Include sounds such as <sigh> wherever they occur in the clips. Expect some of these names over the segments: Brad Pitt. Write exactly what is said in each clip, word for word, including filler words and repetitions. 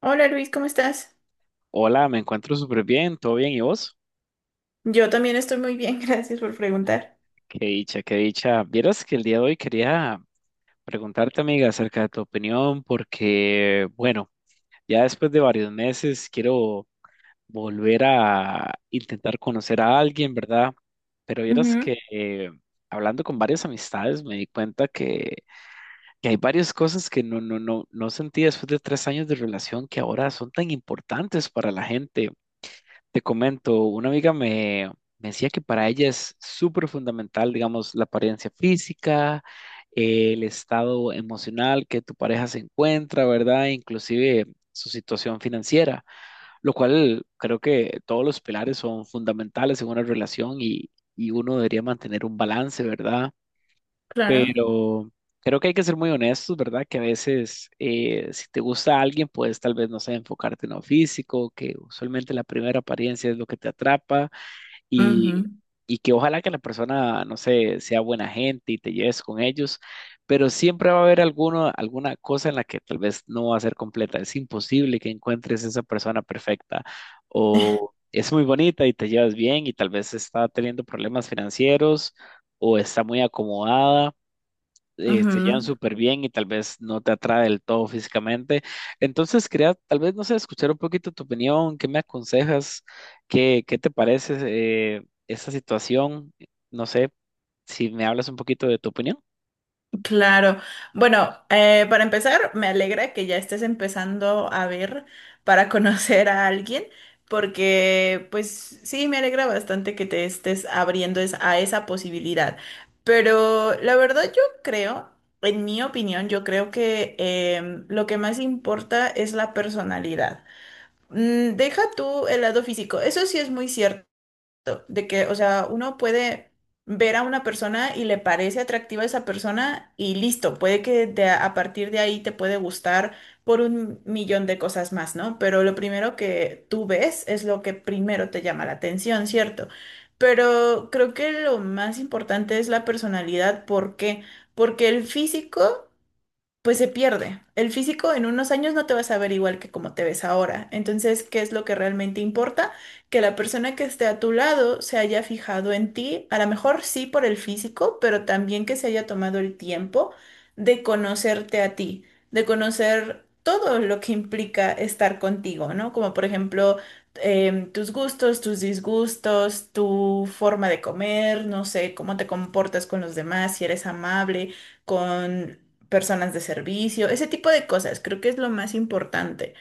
Hola Luis, ¿cómo estás? Hola, me encuentro súper bien, todo bien, ¿y vos? Yo también estoy muy bien, <laughs> gracias por preguntar. Qué dicha, qué dicha. Vieras que el día de hoy quería preguntarte, amiga, acerca de tu opinión, porque, bueno, ya después de varios meses quiero volver a intentar conocer a alguien, ¿verdad? Pero vieras que Ujú, eh, hablando con varias amistades me di cuenta que, que hay varias cosas que no, no, no, no sentí después de tres años de relación que ahora son tan importantes para la gente. Te comento, una amiga me, me decía que para ella es súper fundamental, digamos, la apariencia física, eh, el estado emocional que tu pareja se encuentra, ¿verdad? Inclusive su situación financiera, lo cual creo que todos los pilares son fundamentales en una relación y, y uno debería mantener un balance, ¿verdad? claro. Pero creo que hay que ser muy honestos, ¿verdad? Que a veces eh, si te gusta alguien, pues tal vez no sé, enfocarte en lo físico, que usualmente la primera apariencia es lo que te atrapa y, Ujú, y que ojalá que la persona, no sé, sea buena gente y te lleves con ellos, pero siempre va a haber alguno, alguna cosa en la que tal vez no va a ser completa. Es imposible que encuentres esa persona perfecta o es muy bonita y te llevas bien y tal vez está teniendo problemas financieros o está muy acomodada, eh, se llevan ujú, súper bien y tal vez no te atrae del todo físicamente. Entonces quería tal vez, no sé, escuchar un poquito tu opinión, qué me aconsejas, qué, qué te parece eh, esa situación, no sé, si me hablas un poquito de tu opinión. claro. Bueno, eh, para empezar, me alegra que ya estés empezando a ver para <laughs> conocer a alguien, porque pues sí, me alegra bastante que te estés abriendo es- a esa posibilidad. Pero la verdad yo creo, en mi opinión, yo creo que em, lo que más importa es la personalidad. Mm, Deja tú el lado físico. Eso sí es muy cierto, de que, o sea, uno puede ver a una persona y le parece atractiva esa persona y listo, puede que de a a partir de ahí te puede gustar por un millón de cosas más, ¿no? Pero lo primero que tú ves es lo que primero te llama la atención, ¿cierto? Pero creo que lo más importante es la personalidad. ¿Por qué? Porque el físico pues se pierde. El físico en unos años no te vas a ver igual que como te ves ahora. Entonces, ¿qué es lo que realmente importa? Que la persona que esté a tu lado se haya fijado en ti, a lo mejor sí por el físico, pero también que se haya tomado el tiempo de conocerte a ti, de conocer todo lo que implica estar contigo, ¿no? Como por ejemplo, em, tus gustos, tus disgustos, tu forma de comer, no sé, cómo te comportas con los demás, si eres amable con personas de servicio, ese tipo de cosas, creo que es lo más importante,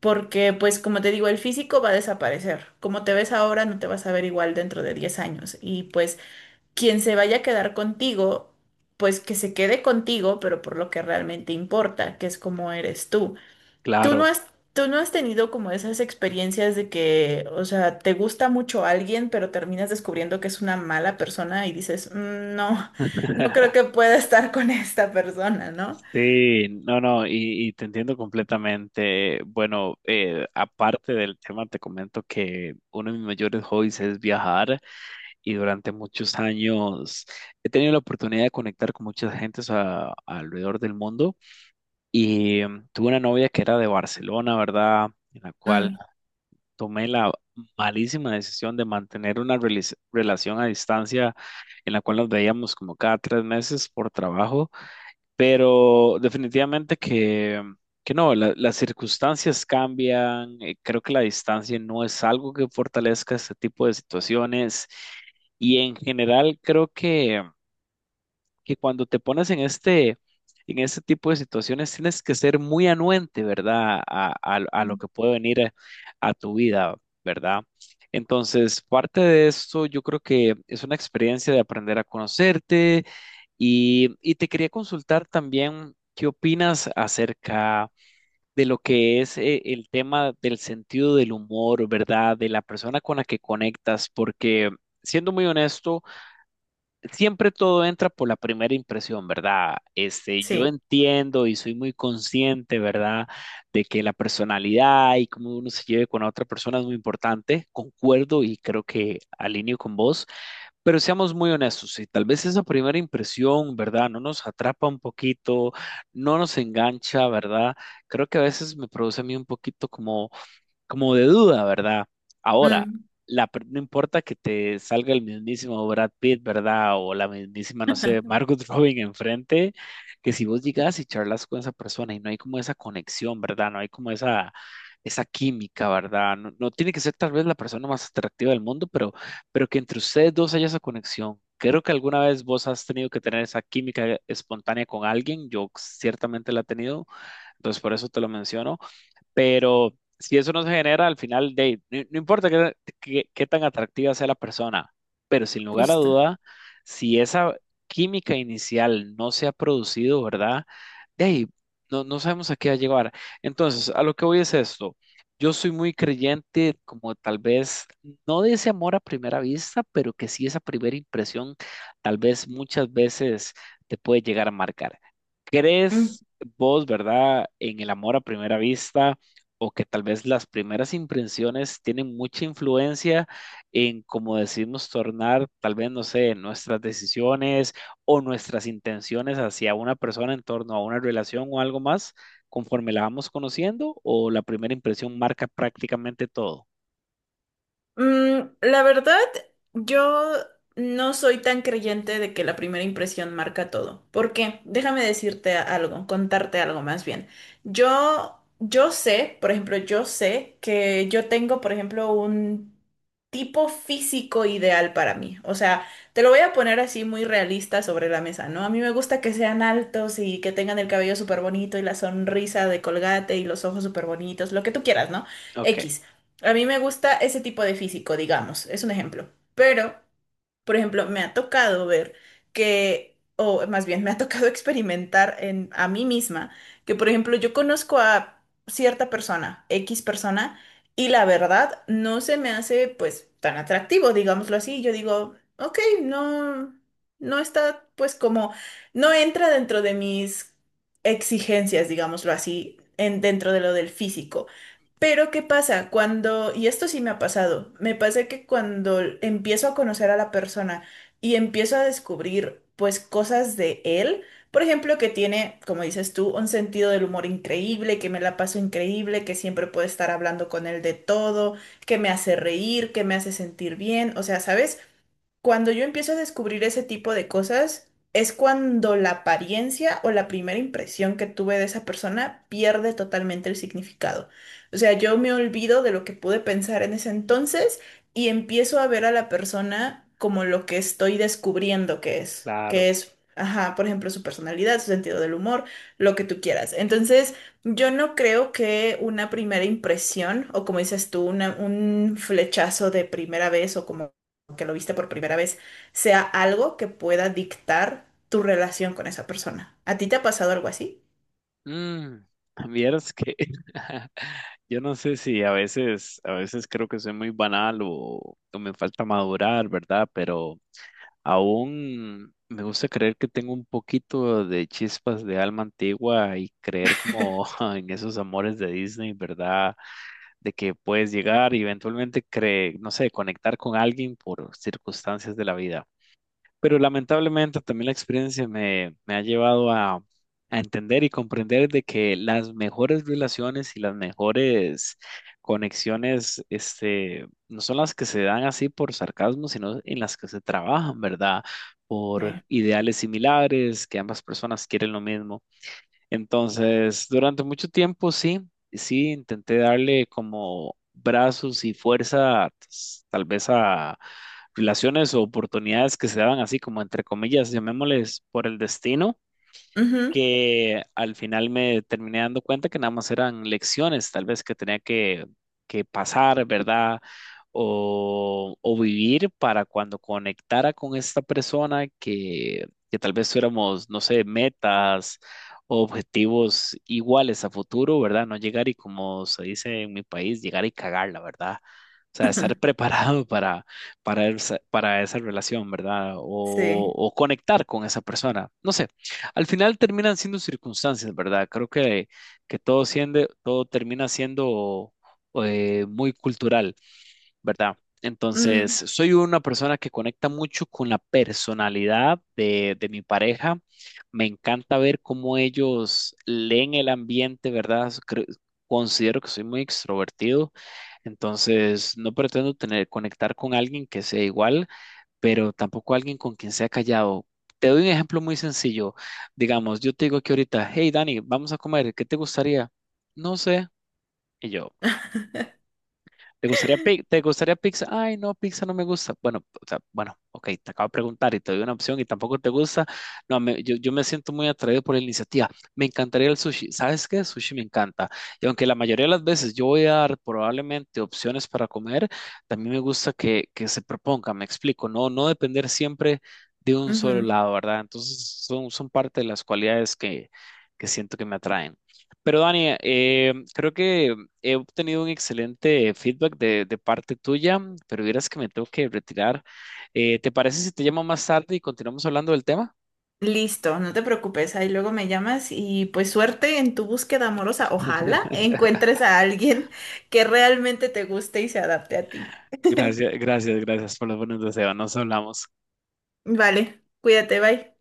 porque pues como te digo, el físico va a desaparecer, como te ves ahora no te vas a ver igual dentro de diez años y pues quien se vaya a quedar contigo, pues que se quede contigo, pero por lo que realmente importa, que es cómo eres tú. Tú no Claro. has, tú no has tenido como esas experiencias de que, o sea, te gusta mucho alguien, pero terminas descubriendo que es una mala persona y dices: "Mm, no, <laughs> no creo <laughs> que pueda estar con esta persona, ¿no?". Sí, no, no, y, y te entiendo completamente. Bueno, eh, aparte del tema, te comento que uno de mis mayores hobbies es viajar. Y durante muchos años he tenido la oportunidad de conectar con muchas gentes a- alrededor del mundo y em, tuve una novia que era de Barcelona, ¿verdad? En la cual Mm, tomé la malísima decisión de mantener una relis- relación a distancia en la cual nos veíamos como cada tres meses por trabajo, pero definitivamente que, que no, la- las circunstancias cambian, eh, creo que la distancia no es algo que fortalezca este tipo de situaciones, y en general creo que que cuando te pones en este, en este tipo de situaciones tienes que ser muy anuente, ¿verdad? A, a- a lo mm, que puede venir a, a tu vida, ¿verdad? Entonces, parte de esto yo creo que es una experiencia de aprender a conocerte y, y te quería consultar también qué opinas acerca de lo que es eh, el tema del sentido del humor, ¿verdad? De la persona con la que conectas, porque siendo muy honesto, siempre todo entra por la primera impresión, ¿verdad? Este, yo sí, entiendo y soy muy consciente, ¿verdad? De que la personalidad y cómo uno se lleve con la otra persona es muy importante. Concuerdo y creo que alineo con vos, pero seamos muy honestos, si tal vez esa primera impresión, ¿verdad? No nos atrapa un poquito, no nos engancha, ¿verdad? Creo que a veces me produce a mí un poquito como como de duda, ¿verdad? Ahora, mm, la, per- no importa que te salga el mismísimo Brad Pitt, ¿verdad? O la mismísima, no sé, Margot <laughs> Robin enfrente, que si vos llegas y charlas con esa persona y no hay como esa conexión, ¿verdad? No hay como esa, esa química, ¿verdad? No, no tiene que ser tal vez la persona más atractiva del mundo, pero, pero que entre ustedes dos haya esa conexión. Creo que alguna vez vos has tenido que tener esa química espontánea con alguien, yo ciertamente la he tenido, entonces por eso te lo menciono. Pero si eso no se genera, al final, de, no, no importa qué, qué- qué tan atractiva sea la persona, pero sin lugar a justo. duda, si esa química inicial no se ha producido, ¿verdad? De ahí, no, no sabemos a qué va a llegar. Entonces, a lo que voy es esto. Yo soy muy creyente, como tal vez, no de ese amor a primera vista, pero que sí esa primera impresión, tal vez muchas veces te puede llegar a marcar. Mm. ¿Crees vos, verdad, en el amor a primera vista? ¿O que tal vez las primeras impresiones tienen mucha influencia en cómo decidimos tornar, tal vez, no sé, nuestras decisiones o nuestras intenciones hacia una persona en torno a una relación o algo más, conforme la vamos conociendo, o la primera impresión marca prácticamente todo? Mm, la verdad, yo no soy tan creyente de que la primera impresión marca todo. ¿Por qué? Déjame decirte algo, contarte algo más bien. Yo, yo sé, por ejemplo, yo sé que yo tengo, por ejemplo, un tipo físico ideal para mí. O sea, te lo voy a poner así muy realista sobre la mesa, ¿no? A mí me gusta que sean altos y que tengan el cabello súper bonito y la sonrisa de Colgate y los ojos súper bonitos, lo que tú quieras, ¿no? Ok. X. A mí me gusta ese tipo de físico, digamos, es un ejemplo. Pero, por ejemplo, me ha tocado ver que, o más bien, me ha tocado <laughs> experimentar en, a mí misma, que, por ejemplo, yo conozco a cierta persona, X persona, y la verdad no se me hace, pues, tan atractivo, digámoslo así. Yo digo, ok, no, no está, pues, como, no entra dentro de mis exigencias, digámoslo así, en, dentro de lo del físico. Pero ¿qué pasa? Cuando, y esto sí me ha pasado, me pasa que cuando empiezo a conocer a la persona y empiezo a descubrir pues cosas de él, por ejemplo, que, tiene, como dices tú, un sentido del humor increíble, que me la paso increíble, que siempre puedo estar hablando con él de todo, que me hace reír, que me hace sentir bien, o sea, ¿sabes? Cuando yo empiezo a descubrir ese tipo de cosas, es cuando la apariencia o la primera impresión que tuve de esa persona pierde totalmente el significado. O sea, yo me olvido de lo que pude pensar en ese entonces y empiezo a ver a la persona como lo que estoy descubriendo que es, Claro. que es, ajá, por ejemplo, su personalidad, su sentido del humor, lo que tú quieras. Entonces, yo no creo que una primera impresión o como dices tú, una- un flechazo de primera vez o como que lo viste por primera vez, sea algo que pueda dictar tu relación con esa persona. ¿A ti te ha pasado algo así? Mm, Vieras que <laughs> yo no sé si a veces, a veces creo que soy muy banal o, o me falta madurar, ¿verdad? Pero Aún me gusta creer que tengo un poquito de chispas de alma antigua y creer como <laughs> en esos amores de Disney, ¿verdad? De que puedes llegar y eventualmente cre- no sé, conectar con alguien por circunstancias de la vida. Pero lamentablemente también la experiencia me, me ha llevado a, a entender y comprender de que las mejores relaciones y las mejores conexiones, este, no son las que se dan así por sarcasmo, sino en las que se trabajan, ¿verdad? Sí. Por ideales similares, que ambas personas quieren lo mismo. Entonces, durante mucho tiempo sí, sí, intenté darle como brazos y fuerza, pues, tal vez a relaciones o oportunidades que se daban así como entre comillas, llamémosles por el destino, Ujú. que al final me terminé dando cuenta que nada más eran lecciones, tal vez que tenía que, que pasar, ¿verdad? O, o vivir para cuando conectara con esta persona que, que tal vez tuviéramos, no sé, metas o objetivos iguales a futuro, ¿verdad? No llegar y como se dice en mi país, llegar y cagarla, ¿verdad? O sea, estar <laughs> <laughs> preparado para, para, esa, para esa relación, ¿verdad? O, Sí. o conectar con esa persona. No sé, al final terminan siendo circunstancias, ¿verdad? Creo que, que todo, siendo, todo termina siendo eh, muy cultural, ¿verdad? Entonces, Mm, soy una persona que conecta mucho con la personalidad de, de mi pareja. Me encanta ver cómo ellos leen el ambiente, ¿verdad? Creo- considero que soy muy extrovertido, entonces no pretendo tener, conectar con alguien que sea igual pero tampoco alguien con quien sea callado. Te doy un ejemplo muy sencillo. Digamos, yo te digo que ahorita, hey Dani, vamos a comer, ¿qué te gustaría? No sé. Y yo, ¿te gustaría, pi- te gustaría pizza? Ay, no, pizza no me gusta. Bueno, o sea, bueno, ok, te acabo de preguntar y te doy una opción y tampoco te gusta. No, me- yo, yo me siento muy atraído por la iniciativa. Me encantaría el sushi. ¿Sabes qué? Sushi me encanta. Y aunque la mayoría de las veces yo voy a dar probablemente opciones para comer, también me gusta que, que se proponga, me explico, no, no depender siempre de un solo ujú. lado, ¿verdad? Entonces son, son parte de las cualidades que, que siento que me atraen. Pero Dani, eh, creo que he obtenido un excelente feedback de, de parte tuya, pero vieras que me tengo que retirar. Eh, ¿te parece si te llamo más tarde y continuamos hablando del tema? Listo, no te preocupes. Ahí luego me llamas y pues suerte en tu búsqueda amorosa. Ojalá encuentres a alguien que realmente te guste y se adapte a ti. Gracias, gracias, gracias por los buenos deseos. Nos hablamos. Vale, cuídate, bye.